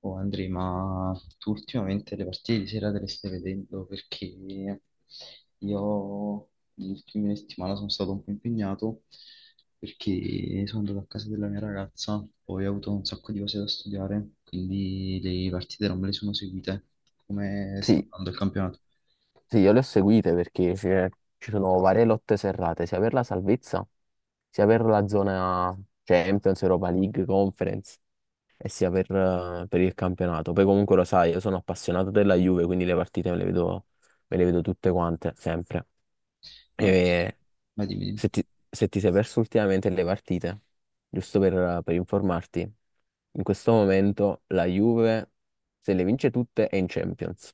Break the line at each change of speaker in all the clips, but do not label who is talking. Oh Andrea, ma tu ultimamente le partite di sera te le stai vedendo? Perché io le ultime settimane sono stato un po' impegnato, perché sono andato a casa della mia ragazza, poi ho avuto un sacco di cose da studiare, quindi le partite non me le sono seguite. Come sta
Sì,
andando il campionato?
sì, io le ho seguite perché ci sono varie lotte serrate, sia per la salvezza, sia per la zona Champions, Europa League, Conference e sia per il campionato. Poi comunque lo sai, io sono appassionato della Juve, quindi le partite me le vedo tutte quante, sempre.
No,
E
ma dimmi. Dimmi.
se ti sei perso ultimamente le partite, giusto per informarti, in questo momento la Juve, se le vince tutte, è in Champions.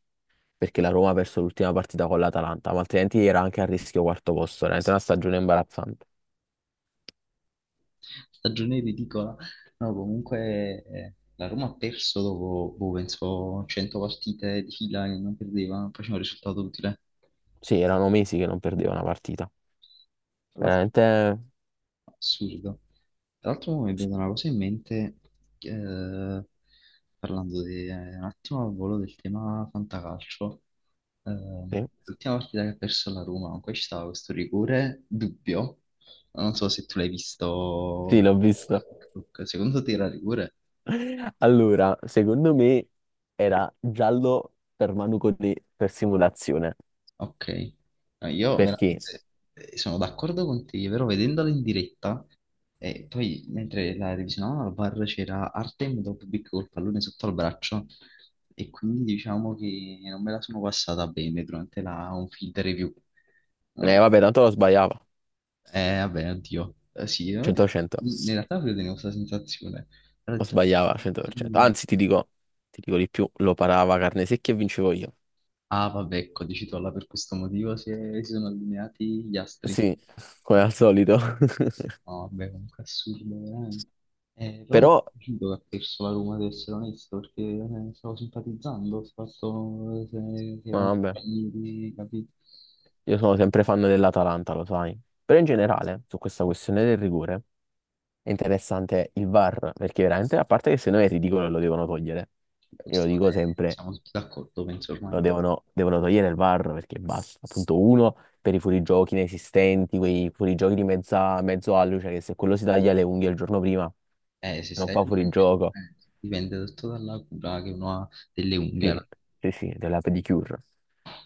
Perché la Roma ha perso l'ultima partita con l'Atalanta, ma altrimenti era anche a rischio quarto posto, veramente una stagione imbarazzante.
Stagione ridicola. No, comunque la Roma ha perso dopo, boh, penso, 100 partite di fila che non perdeva, non faceva un risultato utile.
Sì, erano mesi che non perdeva una partita.
Tra l'altro,
Veramente
assurdo. Tra l'altro mo mi è venuta una cosa in mente, eh, parlando di, un attimo al volo del tema fantacalcio. Eh,
sì,
L'ultima partita che ha perso la Roma, comunque ci stava questo rigore dubbio. Non so se tu l'hai visto,
sì, l'ho
su
visto.
Facebook. Secondo te era rigore?
Allora, secondo me era giallo per Manu Cotè per simulazione,
Ok. No, io
perché
veramente sono d'accordo con te, però vedendola in diretta, e poi mentre la revisionavamo al bar c'era Artem Doppic col pallone sotto al braccio, e quindi diciamo che non me la sono passata bene durante la on field review. No.
vabbè, tanto lo sbagliava
Eh vabbè, oddio. Sì,
100%,
in realtà avevo tenuto questa sensazione. Però ho
lo
detto,
sbagliava
"Io
100%.
non-
Anzi, ti dico di più, lo parava carne secchia e vincevo io.
Ah vabbè, ecco, dici tu, allora per questo motivo si, si sono allineati gli astri.
Sì, come al solito.
No, vabbè, comunque è assurdo, veramente. Però mi è
Però,
piaciuto che ha perso la Roma, ad essere onesto, perché stavo simpatizzando, ho fatto se
ma
erano
vabbè.
amici, capito?
Io sono sempre fan dell'Atalanta, lo sai. Però in generale, su questa questione del rigore, è interessante il VAR, perché veramente, a parte che se no è ridicolo lo devono togliere.
Beh,
Io lo dico sempre,
Siamo tutti d'accordo, penso ormai.
lo devono, devono togliere il VAR, perché basta. Appunto, uno, per i fuorigiochi inesistenti, quei fuorigiochi di mezza, mezzo alluce, cioè che se quello si taglia le unghie il giorno prima,
Se
non
stai
fa
lì,
fuorigioco.
dipende tutto dalla cura che uno ha delle unghie.
Sì,
Alla-
sì, sì, della pedicure.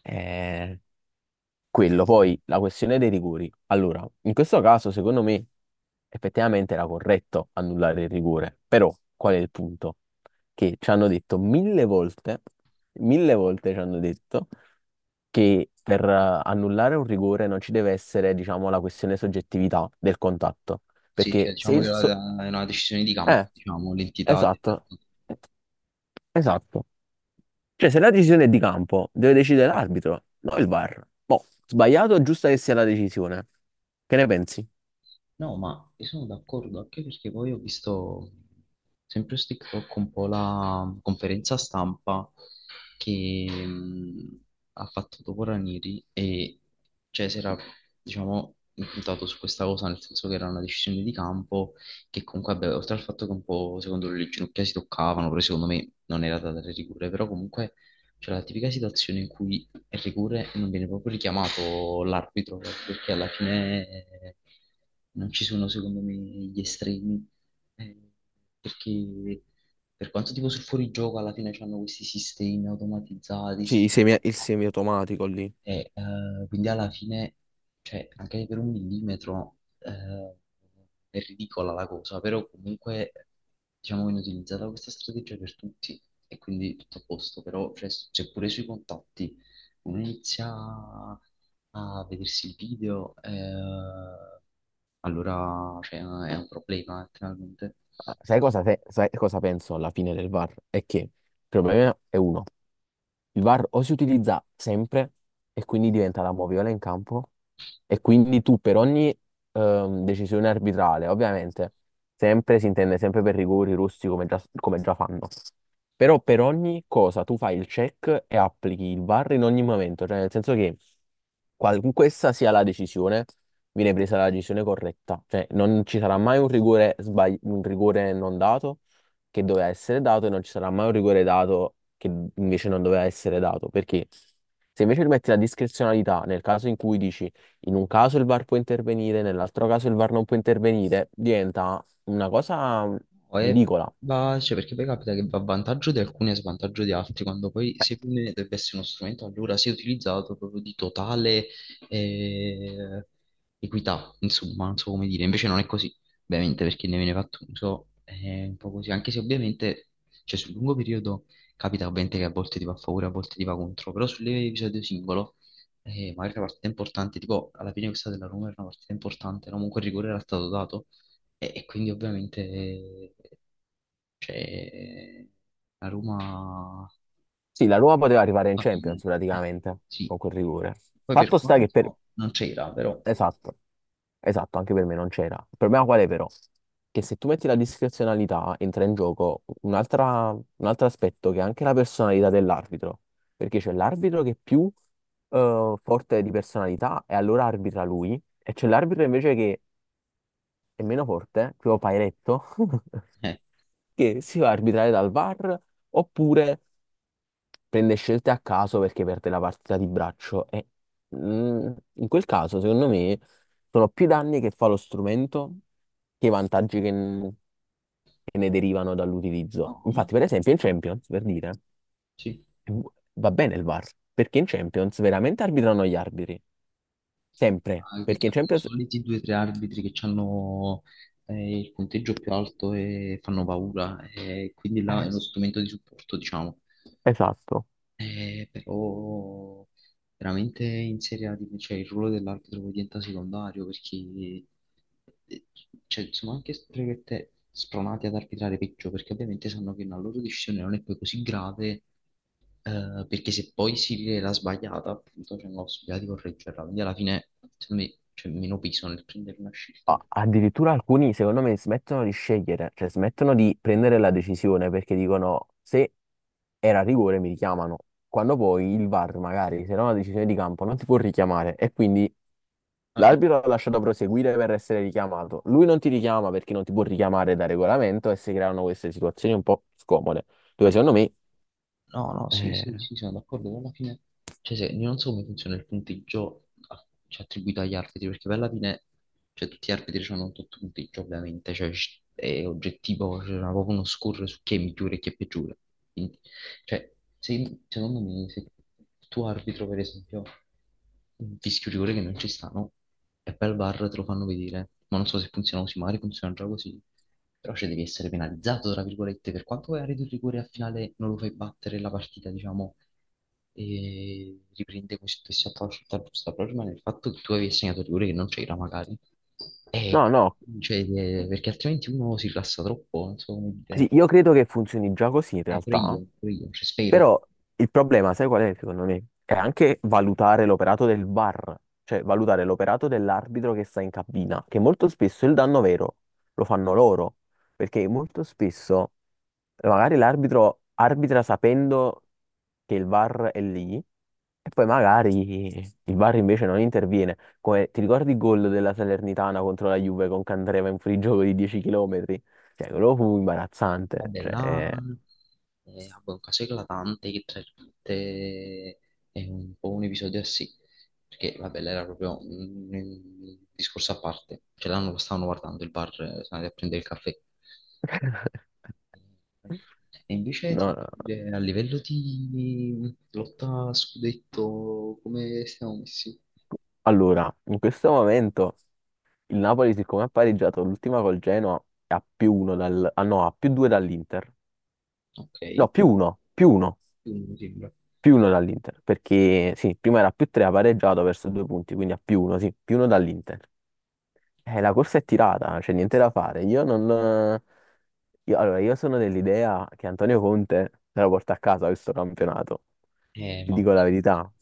Eh, Quello, poi la questione dei rigori. Allora, in questo caso, secondo me, effettivamente era corretto annullare il rigore, però qual è il punto? Che ci hanno detto mille volte ci hanno detto che per annullare un rigore non ci deve essere, diciamo, la questione soggettività del contatto,
Sì, cioè,
perché se
diciamo che
il
è
so-
una decisione di campo,
eh,
diciamo, l'entità del.
esatto, esatto. Cioè, se la decisione è di campo, deve decidere l'arbitro, non il VAR. Boh, sbagliato o giusta che sia la decisione? Che ne pensi?
No, ma io sono d'accordo, anche perché poi ho visto sempre su TikTok un po' la conferenza stampa che ha fatto dopo Ranieri, e cioè si era, diciamo, impuntato su questa cosa, nel senso che era una decisione di campo, che comunque, vabbè, oltre al fatto che un po' secondo lui le ginocchia si toccavano, però secondo me non era da dare rigore, però comunque c'è la tipica situazione in cui il rigore non viene proprio richiamato l'arbitro, perché alla fine non ci sono, secondo me, gli estremi. eh, Perché per quanto tipo sul fuorigioco, alla fine c'hanno questi sistemi automatizzati,
Sì, il semiautomatico lì.
quindi alla fine, cioè, anche per un millimetro è ridicola la cosa, però comunque diciamo viene utilizzata questa strategia per tutti, e quindi tutto a posto, però cioè, c'è pure sui contatti, uno inizia a vedersi il video, allora cioè, è un problema letteralmente.
Sai cosa penso alla fine del VAR? È che il problema è uno. Il VAR o si utilizza sempre e quindi diventa la moviola in campo e quindi tu per ogni decisione arbitrale, ovviamente, sempre si intende sempre per rigori, russi come già fanno, però per ogni cosa tu fai il check e applichi il VAR in ogni momento, cioè nel senso che qualunque essa sia la decisione, viene presa la decisione corretta, cioè non ci sarà mai un rigore, un rigore non dato che doveva essere dato e non ci sarà mai un rigore dato che invece non doveva essere dato. Perché se invece rimetti la discrezionalità nel caso in cui dici in un caso il VAR può intervenire, nell'altro caso il VAR non può intervenire, diventa una cosa
No, e
ridicola.
cioè, perché poi capita che va a vantaggio di alcuni e a svantaggio di altri, quando poi secondo me dovrebbe essere uno strumento allora sia utilizzato proprio di totale eh, equità, insomma, non so come dire, invece non è così, ovviamente, perché ne viene fatto uso, è un po' così, anche se ovviamente, cioè, sul lungo periodo capita ovviamente che a volte ti va a favore, a volte ti va contro, però sull'episodio singolo, magari la partita importante, tipo alla fine questa della Roma era una partita importante, no? Comunque il rigore era stato dato. E quindi ovviamente cioè, la Roma
Sì, la Roma poteva arrivare in
fa bene.
Champions
Eh,
praticamente
sì.
con quel rigore.
Poi per
Fatto sta che per
quanto non c'era, però.
Esatto, esatto, anche per me non c'era. Il problema qual è però? Che se tu metti la discrezionalità entra in gioco un altro aspetto che è anche la personalità dell'arbitro, perché c'è l'arbitro che è più forte di personalità e allora arbitra lui, e c'è l'arbitro invece che è meno forte, tipo Pairetto,
Eh,
che si va a arbitrare dal VAR oppure prende scelte a caso perché perde la partita di braccio e in quel caso, secondo me, sono più danni che fa lo strumento che, i vantaggi che ne derivano dall'utilizzo.
no, ma
Infatti, per esempio, in Champions, per dire,
sì.
eh, va bene il VAR, perché in Champions veramente arbitrano gli arbitri, sempre,
Ah, che
perché in
chiamano i
Champions...
soliti due o tre arbitri che hanno il punteggio più alto e fanno paura. E quindi là
Eh,
è uno
s-
strumento di supporto, diciamo.
Esatto.
Però veramente in Serie A cioè, il ruolo dell'arbitro poi diventa secondario perché eh, cioè, sono anche strette spronati ad arbitrare peggio, perché ovviamente sanno che una loro decisione non è poi così grave, perché se poi si rivela sbagliata appunto c'è una possibilità di correggerla, quindi alla fine secondo me c'è meno peso nel prendere una scelta.
Addirittura alcuni, secondo me, smettono di scegliere, cioè smettono di prendere la decisione perché dicono se era rigore mi richiamano, quando poi il VAR magari se era una decisione di campo non ti può richiamare e quindi
Ah,
l'arbitro l'ha lasciato proseguire per essere richiamato. Lui non ti richiama perché non ti può richiamare da regolamento e si creano queste situazioni un po' scomode, dove secondo me...
no, no, sì,
eh,
sì, sì, sono d'accordo, però alla fine, cioè, se, io non so come funziona il punteggio cioè, attribuito agli arbitri, perché poi alla fine, cioè, tutti gli arbitri hanno un tutto punteggio, ovviamente, cioè, è oggettivo, c'è proprio uno score su chi è migliore e chi è peggiore. Quindi cioè, secondo me, se tu arbitro, per esempio, un fischio rigore che non ci stanno, e poi al VAR te lo fanno vedere, ma non so se funziona così, magari funziona già così, però cioè, devi essere penalizzato, tra virgolette, per quanto vai a rete il rigore al finale non lo fai battere la partita, diciamo, e riprende questo stesso approccio, tutta giusta, però rimane il fatto che tu avevi segnato il rigore che non c'era magari, e,
No, no,
cioè, perché altrimenti uno si rilassa troppo, non so come
sì,
dire,
io credo che funzioni già così in
pure
realtà.
io, cioè spero.
Però il problema, sai qual è, secondo me? È anche valutare l'operato del VAR, cioè valutare l'operato dell'arbitro che sta in cabina, che molto spesso il danno vero lo fanno loro, perché molto spesso magari l'arbitro arbitra sapendo che il VAR è lì e poi magari il VAR invece non interviene. Come ti ricordi il gol della Salernitana contro la Juve con Candreva in fuorigioco di 10 km? Cioè, quello fu imbarazzante,
Vabbè, là
cioè...
vabbè, un caso eclatante che tra virgolette è un po' un episodio a sé, perché vabbè, là era proprio un discorso a parte, cioè là non lo stavano guardando il bar, sono andati a prendere il caffè. E invece
No, no.
a livello di lotta a scudetto, come stiamo messi?
Allora, in questo momento il Napoli, siccome ha pareggiato l'ultima col Genoa, è a più uno dal... ah no, a più due dall'Inter.
Ok,
No, più uno, più uno,
quindi mi sembra.
più uno dall'Inter, perché sì, prima era a più tre, ha pareggiato verso due punti, quindi a più uno, sì, più uno dall'Inter. La corsa è tirata, c'è niente da fare. Io non... allora, io sono dell'idea che Antonio Conte se la porta a casa questo campionato, ti
Ma ok.
dico la verità,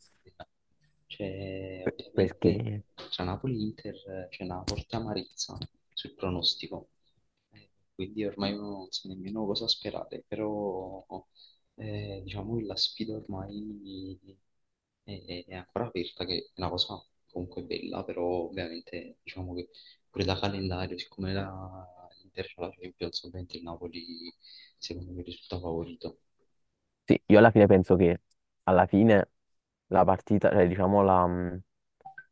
Cioè, ovviamente
perché...
tra Napoli e Inter c'è una forte amarezza sul pronostico, quindi ormai uno non sa nemmeno cosa sperare, però diciamo che la sfida ormai è ancora aperta, che è una cosa comunque bella, però ovviamente diciamo che pure da calendario, siccome l'Inter c'ha la Champions, ovviamente il Napoli secondo me risulta favorito.
Sì, io alla fine penso che alla fine la partita, cioè diciamo la, mh,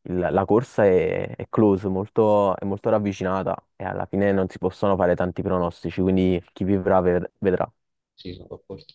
il- la corsa è close, molto, è molto ravvicinata e alla fine non si possono fare tanti pronostici, quindi chi vivrà vedrà.
Sì, sono d'accordo.